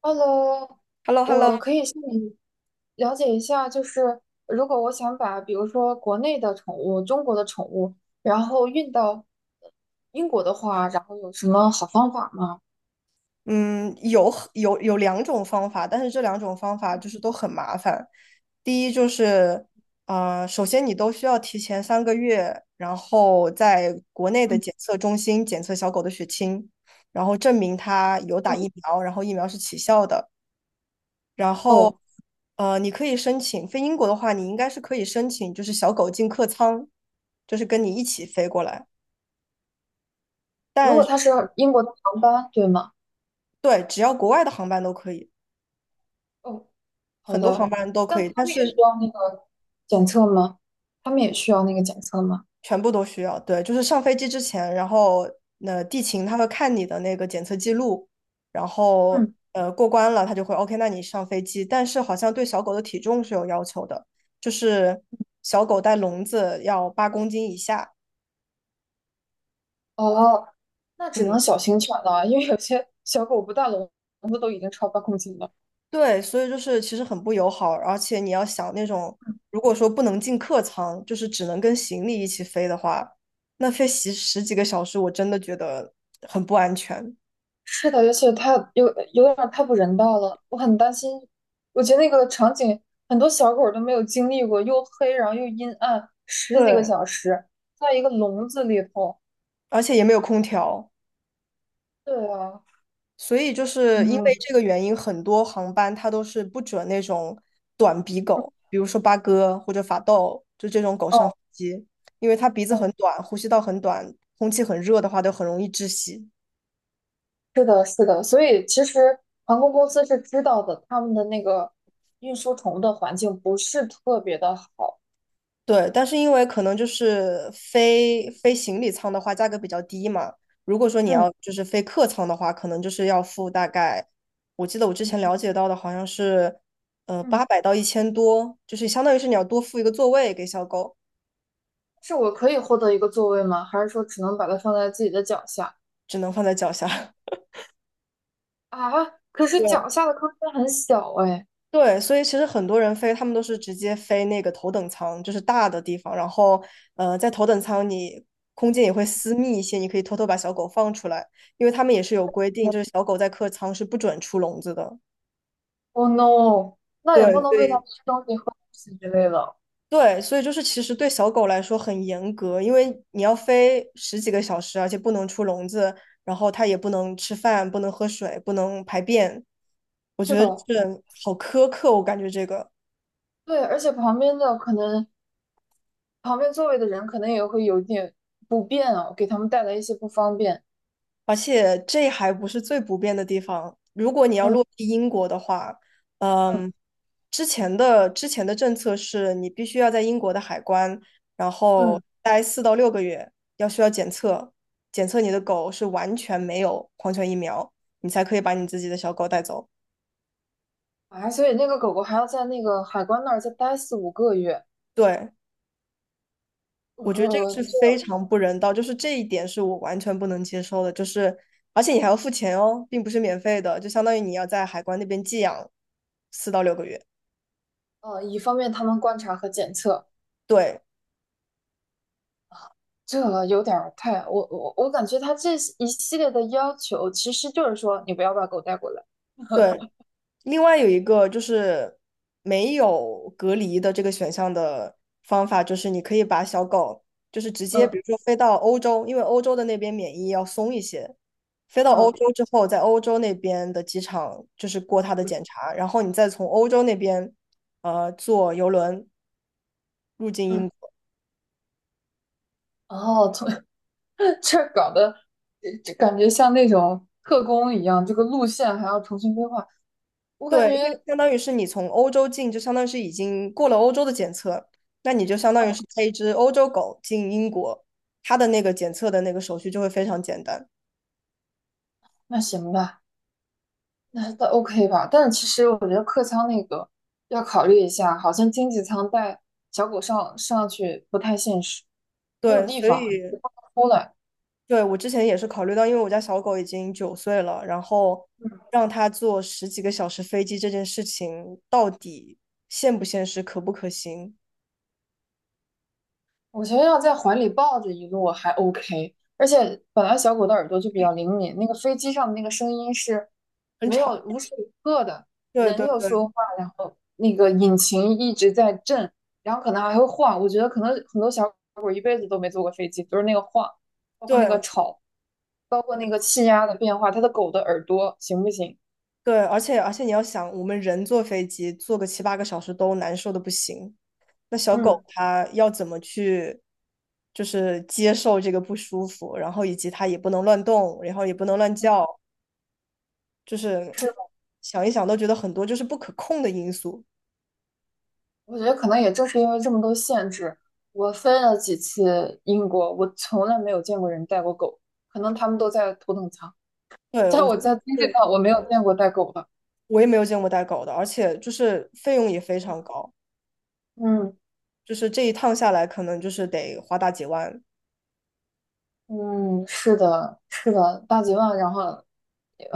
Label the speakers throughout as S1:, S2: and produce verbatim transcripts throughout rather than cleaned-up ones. S1: Hello，
S2: h e l l o h e l l o
S1: 我可以向你了解一下，就是如果我想把，比如说国内的宠物、中国的宠物，然后运到英国的话，然后有什么好方法吗？
S2: 嗯，有很有有两种方法，但是这两种方法就是都很麻烦。第一就是，呃，首先你都需要提前三个月，然后在国内的
S1: 嗯，
S2: 检测中心检测小狗的血清，然后证明它有打
S1: 哦，
S2: 疫苗，然后疫苗是起效的。然后，
S1: 哦
S2: 呃，你可以申请，飞英国的话，你应该是可以申请，就是小狗进客舱，就是跟你一起飞过来。
S1: 如果
S2: 但
S1: 它是英国的航班，对吗？
S2: 对，只要国外的航班都可以，
S1: 哦，好
S2: 很多航
S1: 的。
S2: 班都
S1: 但
S2: 可以，
S1: 他
S2: 但
S1: 们也
S2: 是
S1: 需要那个检测吗？他们也需要那个检测吗？
S2: 全部都需要。对，就是上飞机之前，然后那地勤他会看你的那个检测记录，然后
S1: 嗯，
S2: 呃过关了，他就会 OK，那你上飞机。但是好像对小狗的体重是有要求的，就是小狗带笼子要八公斤以下。
S1: 哦，那只能
S2: 嗯，
S1: 小型犬了，因为有些小狗不大笼子都已经超八公斤了。
S2: 对，所以就是其实很不友好，而且你要想那种如果说不能进客舱，就是只能跟行李一起飞的话，那飞十十几个小时，我真的觉得很不安全。
S1: 是的，而且太有有点儿太不人道了，我很担心。我觉得那个场景，很多小狗儿都没有经历过，又黑，然后又阴暗，十几个
S2: 对，
S1: 小时在一个笼子里头。
S2: 而且也没有空调。
S1: 对啊，
S2: 所以就是因为
S1: 嗯，
S2: 这个原因，很多航班它都是不准那种短鼻狗，比如说八哥或者法斗，就这种狗
S1: 哦，
S2: 上飞机，因为它鼻子
S1: 哦，
S2: 很短，呼吸道很短，空气很热的话，都很容易窒息。
S1: 是的，是的。所以其实航空公司是知道的，他们的那个运输宠物的环境不是特别的好。
S2: 对，但是因为可能就是飞飞行李舱的话，价格比较低嘛。如果说你
S1: 嗯
S2: 要就是飞客舱的话，可能就是要付大概，我记得我之
S1: 嗯
S2: 前了解到的好像是，呃，
S1: 嗯，
S2: 八百到一千多，就是相当于是你要多付一个座位给小狗。
S1: 是我可以获得一个座位吗？还是说只能把它放在自己的脚下？
S2: 只能放在脚下。
S1: 啊，可是
S2: 对
S1: 脚下的空间很小哎。
S2: 对，所以其实很多人飞，他们都是直接飞那个头等舱，就是大的地方。然后，呃，在头等舱你空间也会私密一些，你可以偷偷把小狗放出来，因为他们也是有规定，就是小狗在客舱是不准出笼子的。
S1: Oh no，那也不
S2: 对，
S1: 能喂它
S2: 对
S1: 吃东西、喝东西之类的。
S2: 对，所以就是其实对小狗来说很严格，因为你要飞十几个小时，而且不能出笼子，然后它也不能吃饭，不能喝水，不能排便。我觉
S1: 是
S2: 得
S1: 的，
S2: 就是好苛刻，我感觉这个。
S1: 对，而且旁边的可能旁边座位的人可能也会有点不便啊，给他们带来一些不方便。
S2: 而且这还不是最不便的地方。如果你要落
S1: 嗯
S2: 地英国的话，
S1: 嗯
S2: 嗯，之前的之前的政策是你必须要在英国的海关，然后
S1: 嗯，
S2: 待四到六个月，要需要检测，检测你的狗是完全没有狂犬疫苗，你才可以把你自己的小狗带走。
S1: 啊，所以那个狗狗还要在那个海关那儿再待四五个月。
S2: 对，我觉得这个是
S1: 呃，这
S2: 非常不人道，就是这一点是我完全不能接受的，就是而且你还要付钱哦，并不是免费的，就相当于你要在海关那边寄养四到六个月。
S1: 呃，以方便他们观察和检测，
S2: 对，
S1: 这有点儿太，我我我感觉它这一系列的要求，其实就是说你不要把狗带过来。
S2: 对，另外有一个就是没有隔离的这个选项的方法，就是你可以把小狗就是直接，
S1: 嗯
S2: 比如说飞到欧洲，因为欧洲的那边免疫要松一些，飞到欧
S1: 嗯。
S2: 洲之后，在欧洲那边的机场就是过它的检查，然后你再从欧洲那边呃坐邮轮入境
S1: 嗯，
S2: 英国。
S1: 哦，从 这搞得这这感觉像那种特工一样，这个路线还要重新规划。我感
S2: 对，因
S1: 觉
S2: 为相当于是你从欧洲进，就相当于是已经过了欧洲的检测，那你就相当于
S1: 哦，
S2: 是带一只欧洲狗进英国，它的那个检测的那个手续就会非常简单。
S1: 那行吧，那那 OK 吧。但是其实我觉得客舱那个要考虑一下，好像经济舱带小狗上上去不太现实，没有
S2: 对，
S1: 地
S2: 所
S1: 方不
S2: 以
S1: 出来。
S2: 对我之前也是考虑到，因为我家小狗已经九岁了，然后让它坐十几个小时飞机这件事情到底现不现实，可不可行，
S1: 我觉得要在怀里抱着一路还 OK，而且本来小狗的耳朵就比较灵敏，那个飞机上的那个声音是
S2: 很
S1: 没
S2: 吵。
S1: 有无时无刻的，
S2: 对
S1: 人
S2: 对
S1: 有说
S2: 对
S1: 话，然后那个引擎一直在震，然后可能还会晃。我觉得可能很多小狗一辈子都没坐过飞机，就是那个晃，包括那
S2: 对
S1: 个吵，包括那个气压的变化，它的狗的耳朵行不行？
S2: 对，而且而且你要想，我们人坐飞机坐个七八个小时都难受的不行。那小狗
S1: 嗯，
S2: 它要怎么去，就是接受这个不舒服，然后以及它也不能乱动，然后也不能乱叫，就是
S1: 是。
S2: 想一想都觉得很多就是不可控的因素。
S1: 我觉得可能也正是因为这么多限制，我飞了几次英国，我从来没有见过人带过狗，可能他们都在头等舱，
S2: 对，
S1: 在
S2: 我觉
S1: 我
S2: 得
S1: 在经济
S2: 是，
S1: 舱我没有见过带狗的。
S2: 我也没有见过带狗的，而且就是费用也非常高，
S1: 嗯
S2: 就是这一趟下来可能就是得花大几万。
S1: 嗯，是的，是的，大几万，然后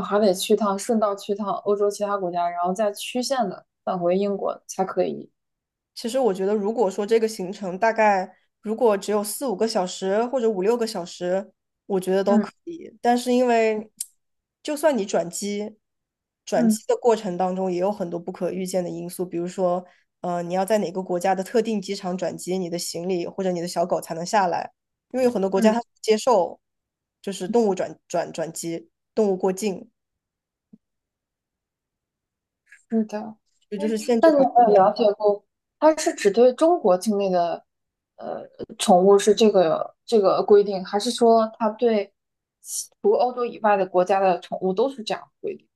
S1: 还得去趟，顺道去趟欧洲其他国家，然后再曲线的返回英国才可以。
S2: 其实我觉得，如果说这个行程大概如果只有四五个小时或者五六个小时，我觉得都可
S1: 嗯
S2: 以。但是因为就算你转机，转机
S1: 嗯
S2: 的过程当中也有很多不可预见的因素，比如说，呃，你要在哪个国家的特定机场转机，你的行李或者你的小狗才能下来，因为有很多国家
S1: 嗯。
S2: 它不接受就是动物转转转机，动物过境，
S1: 是的，
S2: 这
S1: 哎，
S2: 就是限制
S1: 那你
S2: 条。
S1: 有没有了解过，它是只对中国境内的呃宠物是这个这个规定，还是说它对其除欧洲以外的国家的宠物都是这样的规定？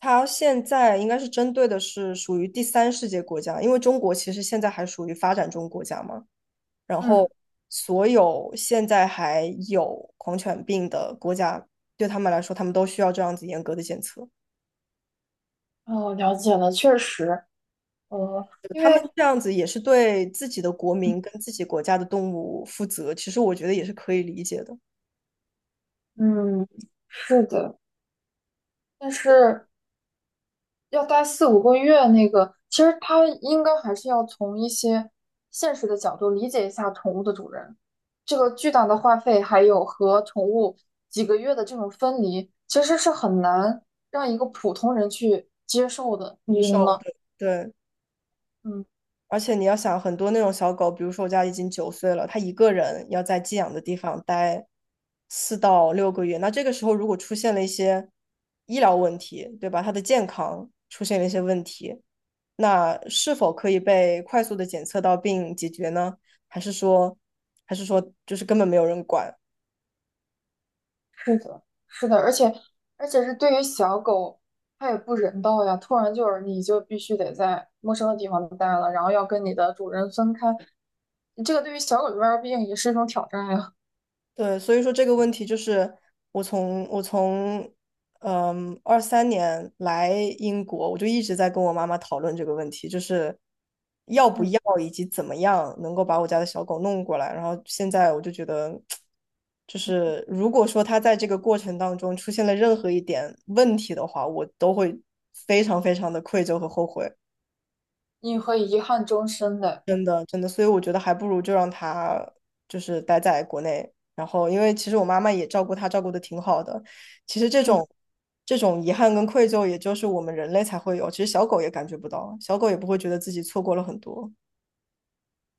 S2: 它现在应该是针对的是属于第三世界国家，因为中国其实现在还属于发展中国家嘛。然
S1: 嗯，
S2: 后，所有现在还有狂犬病的国家，对他们来说，他们都需要这样子严格的检测。
S1: 哦，了解了，确实，呃，因
S2: 他们
S1: 为
S2: 这样子也是对自己的国民跟自己国家的动物负责，其实我觉得也是可以理解的，
S1: 嗯，是的，但是要待四五个月，那个其实他应该还是要从一些现实的角度理解一下宠物的主人，这个巨大的花费，还有和宠物几个月的这种分离，其实是很难让一个普通人去接受的，
S2: 零
S1: 你觉得
S2: 售，
S1: 呢？
S2: 对对。
S1: 嗯，
S2: 而且你要想，很多那种小狗，比如说我家已经九岁了，它一个人要在寄养的地方待四到六个月，那这个时候如果出现了一些医疗问题，对吧？它的健康出现了一些问题，那是否可以被快速的检测到并解决呢？还是说，还是说就是根本没有人管？
S1: 是的，是的，而且而且是对于小狗，它也不人道呀，突然就是你就必须得在陌生的地方待了，然后要跟你的主人分开，这个对于小狗来说，毕竟也是一种挑战呀。
S2: 对，所以说这个问题就是我从我从嗯二三年来英国，我就一直在跟我妈妈讨论这个问题，就是要不
S1: 嗯。
S2: 要以及怎么样能够把我家的小狗弄过来。然后现在我就觉得，就是如果说它在这个过程当中出现了任何一点问题的话，我都会非常非常的愧疚和后悔。
S1: 你会遗憾终生的。
S2: 真的真的，所以我觉得还不如就让他就是待在国内。然后，因为其实我妈妈也照顾他，照顾的挺好的。其实这
S1: 嗯，
S2: 种这种遗憾跟愧疚，也就是我们人类才会有，其实小狗也感觉不到，小狗也不会觉得自己错过了很多。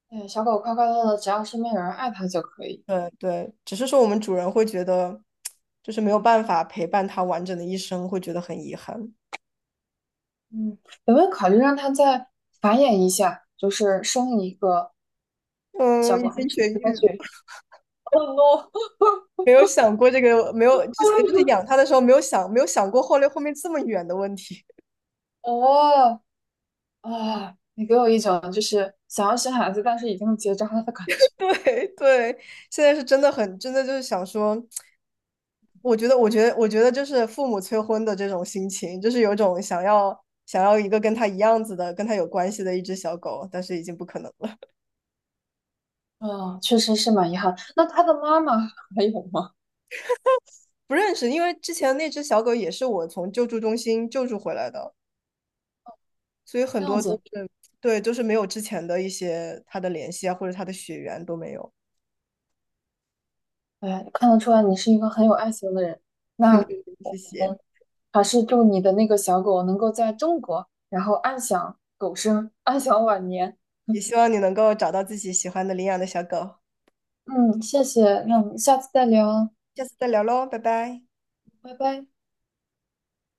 S1: 对，小狗快快乐乐，只要身边有人爱它就可以。
S2: 对对，只是说我们主人会觉得，就是没有办法陪伴它完整的一生，会觉得很遗憾。
S1: 嗯，有没有考虑让它再繁衍一下，就是生一个小
S2: 嗯，
S1: 狗，
S2: 已
S1: 还
S2: 经
S1: 是
S2: 绝
S1: 应该
S2: 育了。
S1: 去？
S2: 没有想过这个，没有之前就是养它的时候没有想没有想过后来后面这么远的问题。
S1: 哦，啊，你给我一种就是想要生孩子，但是已经结扎了的感觉。
S2: 对对，现在是真的很，真的就是想说，我觉得，我觉得，我觉得就是父母催婚的这种心情，就是有种想要想要一个跟他一样子的、跟他有关系的一只小狗，但是已经不可能了。
S1: 嗯，确实是蛮遗憾。那它的妈妈还有吗？
S2: 不认识，因为之前那只小狗也是我从救助中心救助回来的，所以
S1: 这
S2: 很
S1: 样
S2: 多都
S1: 子，
S2: 是对，就是没有之前的一些它的联系啊，或者它的血缘都没有。
S1: 哎，看得出来你是一个很有爱心的人。那
S2: 谢
S1: 我
S2: 谢，
S1: 们还是祝你的那个小狗能够在中国，然后安享狗生，安享晚年。
S2: 也希望你能够找到自己喜欢的领养的小狗，
S1: 嗯，谢谢，那我们下次再聊，
S2: 下次再聊喽，拜拜。
S1: 拜拜。